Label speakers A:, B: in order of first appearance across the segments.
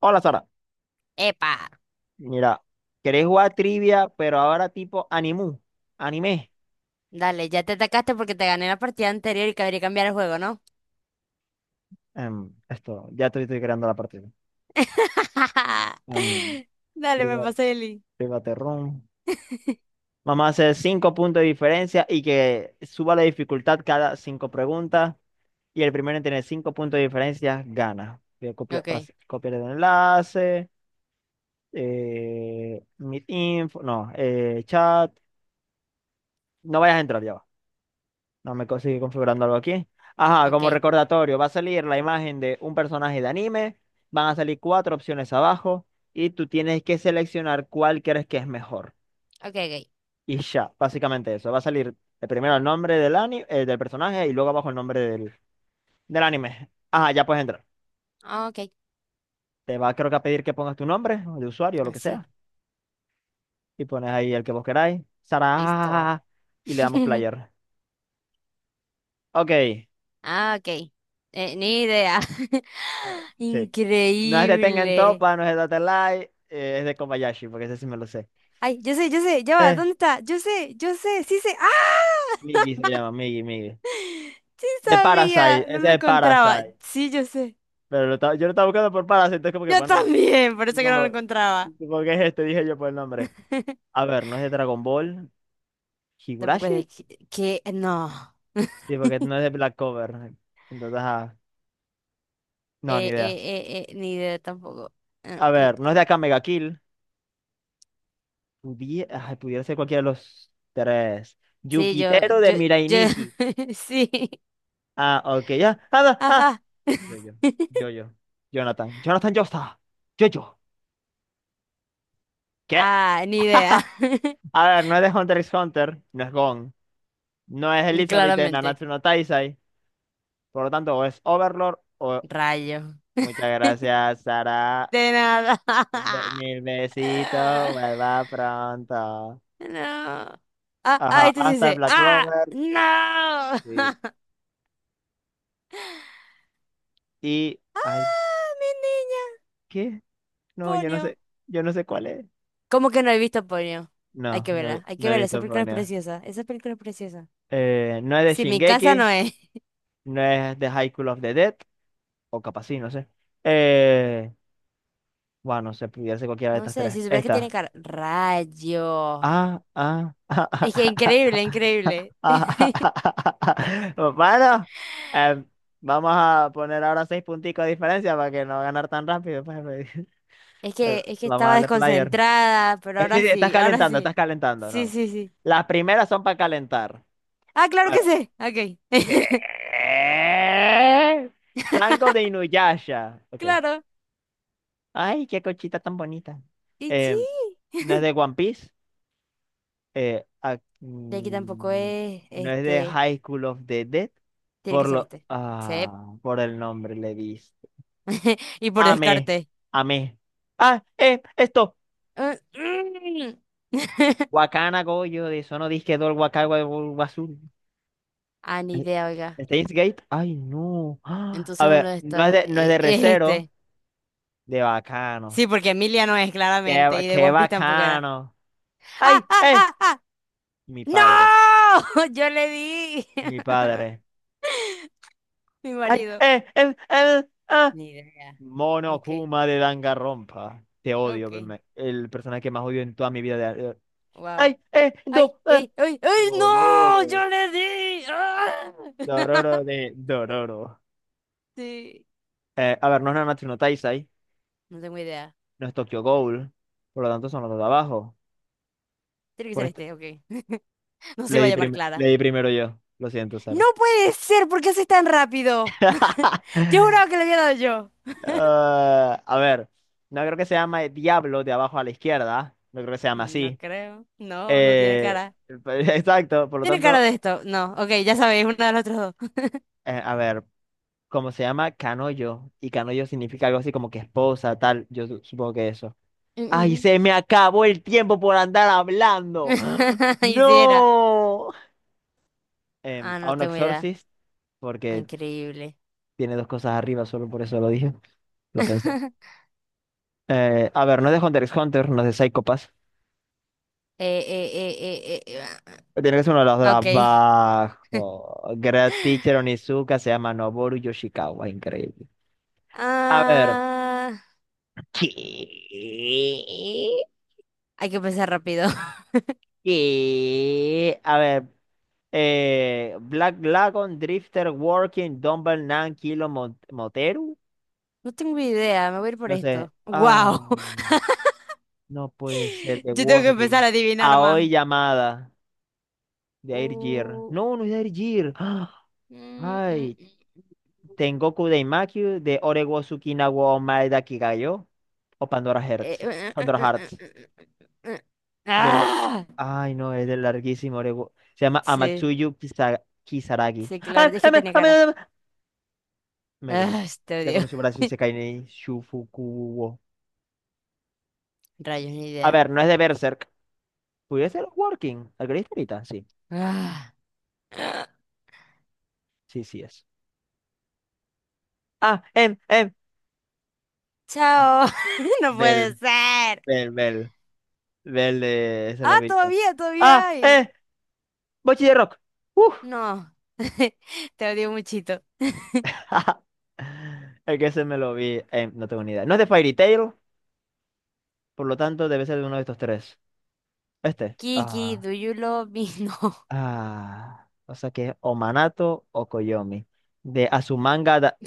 A: Hola, Sara,
B: Epa,
A: mira, ¿querés jugar trivia, pero ahora tipo animu, anime?
B: dale, ya te atacaste porque te gané la partida anterior y cabría cambiar el juego, ¿no?
A: Ya estoy creando la partida. Em,
B: Dale, me
A: priva-
B: pasé el link.
A: private. Vamos a hacer cinco puntos de diferencia y que suba la dificultad cada cinco preguntas. Y el primero en tener cinco puntos de diferencia gana. Voy a
B: Okay,
A: copiar el enlace, meet info, no, chat. No vayas a entrar, ya va. No me co- Sigue configurando algo aquí. Ajá, como
B: okay,
A: recordatorio, va a salir la imagen de un personaje de anime, van a salir cuatro opciones abajo y tú tienes que seleccionar cuál crees que es mejor.
B: okay,
A: Y ya, básicamente eso. Va a salir primero el nombre del del personaje y luego abajo el nombre del anime. Ajá, ya puedes entrar.
B: okay, okay,
A: Te va, creo que, a pedir que pongas tu nombre o de usuario o lo que sea,
B: así,
A: y pones ahí el que vos queráis. Sara, ja, ja, ja,
B: listo.
A: ja, y le damos player. Ok.
B: Ah, okay. Ni idea.
A: Sí. No es de Tengen
B: Increíble.
A: Toppa, no es de Data Light, es de Kobayashi, porque ese sí me lo sé.
B: Ay, yo sé, ya va,
A: Eh,
B: ¿dónde está? Yo sé, sí sé.
A: Migi se
B: ¡Ah!
A: llama, Migi, Migi.
B: Sí
A: De Parasite,
B: sabía, no lo
A: ese es
B: encontraba.
A: Parasite.
B: Sí, yo sé.
A: Pero yo lo estaba buscando por Parasite, entonces como que,
B: Yo
A: bueno,
B: también, por eso que no lo
A: como,
B: encontraba.
A: como que es este, dije yo por el nombre. A ver, no es de Dragon Ball,
B: Tampoco es
A: Higurashi,
B: de no.
A: sí, porque no es de Black Clover. Entonces, ajá, no, ni idea.
B: Ni idea tampoco. Eh,
A: A
B: eh.
A: ver, no es de acá Mega Kill. Ay, pudiera ser cualquiera de los tres.
B: Sí,
A: Yukitero de Mirai
B: yo,
A: Nikki.
B: sí.
A: Ah, ok, ya. Ah, no.
B: Ajá.
A: Yo, yo, yo, Jonathan, Jonathan Joestar, yo, yo. ¿Qué?
B: Ah, ni idea.
A: A ver, no es de Hunter x Hunter, no es Gon, no es Elizabeth de
B: Claramente.
A: Nanatsu no Taizai, por lo tanto, o es Overlord o.
B: Rayo.
A: Muchas gracias, Sara.
B: De nada.
A: Mil besitos, vuelva pronto.
B: No. Ah, ah,
A: Ajá,
B: esto sí
A: hasta
B: sé.
A: Black
B: Ah,
A: Clover.
B: no.
A: Sí. Y. Ay,
B: Ah, mi niña.
A: ¿qué? No,
B: Ponio.
A: yo no sé cuál es.
B: ¿Cómo que no he visto Ponio? Hay
A: No,
B: que
A: no, he
B: verla, hay que
A: no he
B: verla. Esa
A: visto
B: película es
A: Ponyo.
B: preciosa. Esa película es preciosa.
A: No es de
B: Si mi casa
A: Shingeki,
B: no es.
A: no es de High School of the Dead. O capaz sí, no sé. Eh, bueno, no sé, pudiera ser cualquiera de
B: No
A: estas
B: sé, si
A: tres.
B: supieras que tiene
A: Esta.
B: cara. Rayo.
A: Ah, ah, ah,
B: Es que increíble, increíble.
A: ah, ah, ah, ah, ah, ah, ah. Bueno, em, vamos a poner ahora seis punticos de diferencia para que no ganar tan rápido, pues. Eh,
B: Es que
A: Vamos a
B: estaba
A: darle player.
B: desconcentrada, pero
A: Sí,
B: ahora
A: sí, estás
B: sí, ahora
A: calentando,
B: sí.
A: estás calentando. No,
B: Sí,
A: no.
B: sí, sí.
A: Las primeras son para calentar.
B: Ah, claro que
A: Bueno.
B: sí. Ok.
A: ¿Qué? Sango de Inuyasha. Ok.
B: Claro.
A: Ay, qué cochita tan bonita.
B: Y sí.
A: Em, ¿No es de One Piece? eh, ac-
B: De aquí tampoco
A: mm,
B: es.
A: no es de
B: Este.
A: High School of the Dead,
B: Tiene que
A: por
B: ser
A: lo,
B: este. Sí.
A: ah, por el nombre le diste.
B: Y por
A: Amé,
B: descarte.
A: amé. Ah, esto.
B: Ah, mm.
A: Wakana Goyo de Sono Disque Dol Wakawa Wazul.
B: Ah, ni
A: Eh,
B: idea, oiga.
A: Steins Gate. Ay, no. Ah, a
B: Entonces uno
A: ver,
B: de estos
A: no es de
B: es
A: Recero,
B: este.
A: de bacano.
B: Sí, porque Emilia no es, claramente.
A: Qué,
B: Y de
A: qué
B: One Piece tampoco era.
A: bacano.
B: ¡Ah,
A: Ay,
B: ah,
A: eh.
B: ah, ah!
A: Mi padre,
B: ¡No! Yo le di.
A: mi padre.
B: Mi
A: Ay,
B: marido.
A: ah,
B: Ni idea.
A: Mono
B: Ok,
A: Kuma de Danganronpa. Te odio,
B: ok.
A: el personaje que más odio en toda mi vida. De...
B: Wow.
A: ¡Ay! ¡Eh!
B: ¡Ay,
A: ¡Do! ¡Ah!
B: ay, ay, ay! ¡No!
A: Dororo.
B: ¡Yo le di! ¡Ah!
A: Dororo de Dororo.
B: Sí.
A: A ver, no es Nanatsu no Taizai,
B: No tengo idea.
A: no es Tokyo Ghoul, por lo tanto son los dos de abajo.
B: Tiene que
A: Por
B: ser
A: este...
B: este, ok. No se iba a llamar Clara.
A: le di primero yo, lo siento,
B: No
A: Sara.
B: puede ser, ¿por qué haces tan rápido? Yo juraba que le había dado yo.
A: Ah, a ver, no creo que se llame Diablo de abajo a la izquierda, no creo que se llame
B: No
A: así.
B: creo. No, no tiene
A: Eh,
B: cara.
A: exacto, por lo
B: Tiene cara
A: tanto,
B: de esto. No, ok, ya sabéis, uno de los otros dos.
A: a ver. Como se llama Canoyo, y Canoyo significa algo así como que esposa, tal, supongo que eso.
B: Mm, ujú.
A: ¡Ay, se me acabó el tiempo por andar hablando! ¡Ah!
B: Y si era.
A: ¡No!
B: Ah,
A: A
B: no
A: un
B: tengo idea.
A: Exorcist, porque
B: Ah, increíble.
A: tiene dos cosas arriba, solo por eso lo dije, lo pensé. A ver, no es de Hunter x Hunter, no es de Psycho Pass.
B: Eh, eh, eh, eh, eh,
A: Tiene que ser uno de los de
B: ah, ok.
A: abajo. Great Teacher Onizuka se llama Noboru Yoshikawa, increíble. A ver.
B: Ah,
A: ¿Qué?
B: hay que pensar rápido.
A: Y, a ver, Black Lagoon, Drifter, Working, Dumbbell, Nan, Kilo, Moteru.
B: No tengo idea, me voy a ir por
A: No sé.
B: esto.
A: Ah,
B: ¡Wow!
A: no puede ser de
B: Yo tengo que empezar
A: Working.
B: a adivinar
A: Aoi
B: más.
A: llamada de Airgear.
B: Uh,
A: No, no es de Airgear. ¡Ah!
B: mm, mm,
A: Ay,
B: mm,
A: Tengoku Daimaku de Orego Tsukina wa Omae da Kigayo o Pandora Hearts. Pandora Hearts.
B: eh. eh.
A: Yo le.
B: ¡Ah!
A: Ay, no, es del larguísimo Orego. Se llama
B: Sí,
A: Kisaragi.
B: sí,
A: ¡Ay,
B: claro, es que tenía cara.
A: Megumi!
B: ¡Ah, te
A: De
B: odio!
A: Konosuba Isekai ni Shufuku.
B: Rayos, ni
A: A
B: idea.
A: ver, no es de Berserk. ¿Pudiese ser Working? ¿Alguna historita? Sí,
B: ¡Ah!
A: sí, sí es. Ah, em, em.
B: ¡Chao! No puede
A: Bell,
B: ser.
A: Bell, Bell. Bell de ese
B: Ah,
A: lobillo.
B: todavía, todavía
A: Ah,
B: hay.
A: Bochi de Rock. Uf.
B: No, te odio muchito.
A: El que se me lo vi, no tengo ni idea. No es de Fairy Tail, por lo tanto debe ser de uno de estos tres. Este.
B: Kiki,
A: Ah,
B: do you love me?
A: ah. O sea que es o Manato o Koyomi. De Azumanga. Da...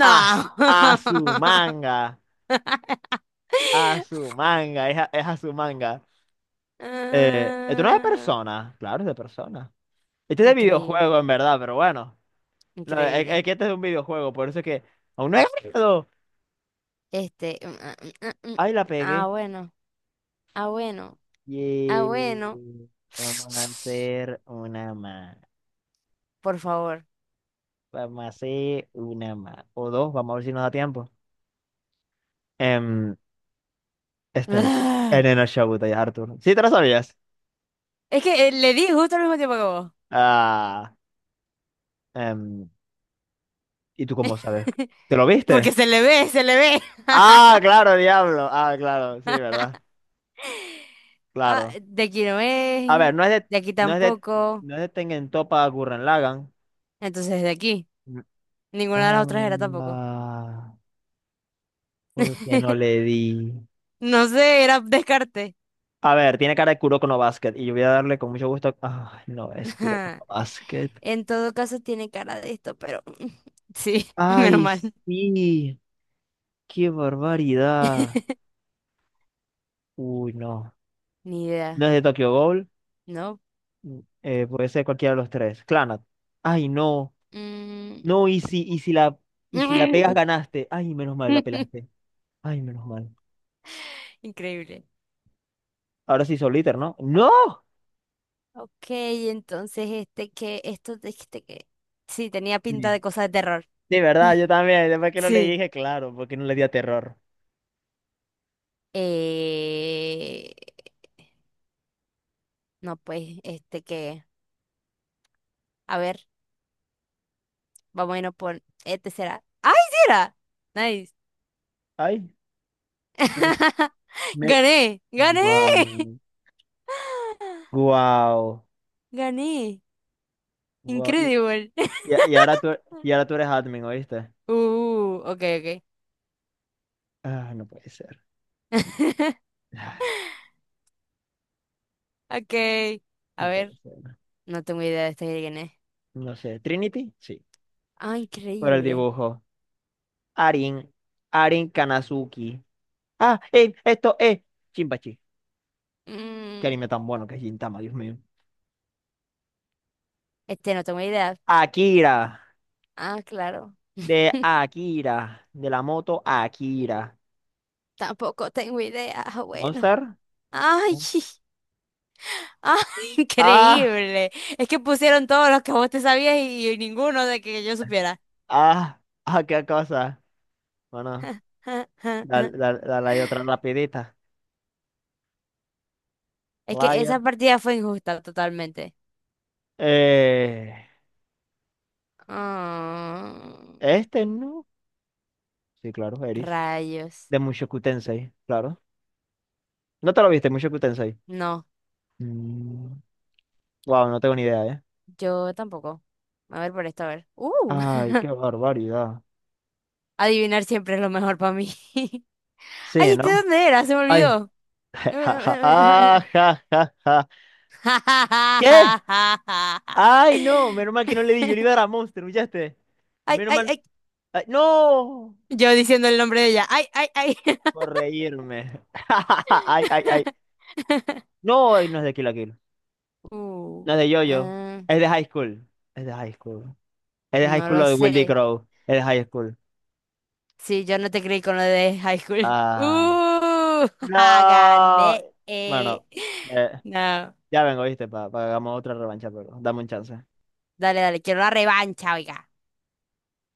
A: As,
B: No.
A: Azumanga. A su manga, es a su manga. Esto no es de
B: Ah,
A: persona, claro, es de persona. Este es de
B: increíble,
A: videojuego, en verdad, pero bueno. No,
B: increíble.
A: es que este es de un videojuego, por eso es que aún no he ganado.
B: Este. Mm.
A: Ay, la
B: Ah,
A: pegué.
B: bueno, ah, bueno, ah,
A: Y
B: bueno.
A: vamos a hacer una más.
B: Por favor.
A: Vamos a hacer una más. O dos, vamos a ver si nos da tiempo. Em, este,
B: Ah.
A: Elena Shabutai, Arthur. ¿Sí te lo sabías?
B: Es que le di justo al mismo tiempo que vos.
A: Ah, em, ¿y tú cómo sabes? ¿Te lo
B: Porque
A: viste?
B: se le ve, se le ve.
A: Ah, claro, diablo. Ah, claro, sí, ¿verdad?
B: Ah,
A: Claro.
B: de aquí no
A: A ver,
B: es, de aquí
A: no es de,
B: tampoco.
A: no es de Tengen Toppa Gurren Lagann.
B: Entonces, de aquí.
A: Mm.
B: Ninguna de las otras era tampoco.
A: Ah, ¿por qué no le di?
B: No sé, era descarte.
A: A ver, tiene cara de Kuroko no Basket y yo voy a darle con mucho gusto. Ay, no, es Kuroko no Basket.
B: En todo caso, tiene cara de esto, pero sí, menos
A: Ay,
B: mal.
A: sí, qué barbaridad. Uy, no.
B: Ni
A: No
B: idea,
A: es de Tokyo Ghoul.
B: ¿no?
A: Mm, puede ser cualquiera de los tres. Clannad. Ay, no.
B: Mm.
A: No, y si la pegas, ganaste. Ay, menos mal, la pelaste. Ay, menos mal.
B: Increíble.
A: Ahora sí, Soliter, ¿no? ¡No!
B: Ok, entonces este que, esto de este que. Sí, tenía pinta
A: Sí,
B: de cosa de terror.
A: sí, verdad, yo también. Después que no le
B: Sí.
A: dije, claro, porque no le di a terror.
B: Eh... No, pues, este que. A ver. Vamos a irnos por este será. ¡Ay, sí era! Nice.
A: Ay, me, me-
B: Gané, gané,
A: guau, guau,
B: gané.
A: guau.
B: Incredible.
A: Y ahora y ahora tú eres admin, ¿oíste?
B: Ok, ok.
A: Ah, no puede ser. Ah,
B: Ok.
A: no
B: A ver,
A: puede ser.
B: no tengo idea de este de quién es.
A: No sé. ¿Trinity? Sí.
B: Ah,
A: Por el
B: increíble.
A: dibujo. Arin. Arin Kanazuki. Ah, esto es. Chimpachi. Qué
B: Mm,
A: anime tan bueno que es Gintama, Dios mío.
B: este no tengo idea.
A: Akira.
B: Ah, claro.
A: De Akira. De la moto Akira.
B: Tampoco tengo idea. Ah, bueno.
A: ¿Monster?
B: Ay, ay,
A: Ah.
B: increíble. Es que pusieron todos los que vos te sabías y ninguno de que yo supiera.
A: Ah, ah, qué cosa. Bueno, dale, dale, dale ahí otra rapidita.
B: Es que
A: Player.
B: esa partida fue injusta totalmente.
A: Eh,
B: Ah,
A: este no. Sí, claro, Eris.
B: rayos.
A: De Mushoku Tensei, claro. ¿No te lo viste, Mushoku Tensei?
B: No,
A: Wow, no tengo ni idea, ¿eh?
B: yo tampoco. A ver por esto, a ver.
A: Ay, qué barbaridad.
B: Adivinar siempre es lo mejor para mí. Ay,
A: Sí,
B: ¿este
A: ¿no?
B: dónde era? Se me
A: Ay.
B: olvidó.
A: Ja, ja, ah, ja, ja, ja. ¿Qué? Ay, no, menos mal que no le di, yo le iba a dar a Monster, ¿escuchaste?
B: Ay,
A: Menos
B: ay,
A: mal.
B: ay.
A: Ay, no,
B: Yo diciendo el nombre de ella. Ay, ay, ay.
A: por reírme. Ay, ay, ay. No, ay, no es de Kill la.
B: Uh,
A: No es de Yoyo.
B: eh,
A: Es de High School. Es de High School. Es de High
B: no
A: School
B: lo
A: lo de Willy
B: sé.
A: Crow. Es de High School.
B: Sí, yo no te creí con lo de high school.
A: Ah.
B: ¡Uh! Ja,
A: No.
B: gané.
A: Bueno, eh,
B: No.
A: ya vengo, ¿viste? Para que hagamos otra revancha, pero dame un chance.
B: Dale, dale, quiero una revancha, oiga.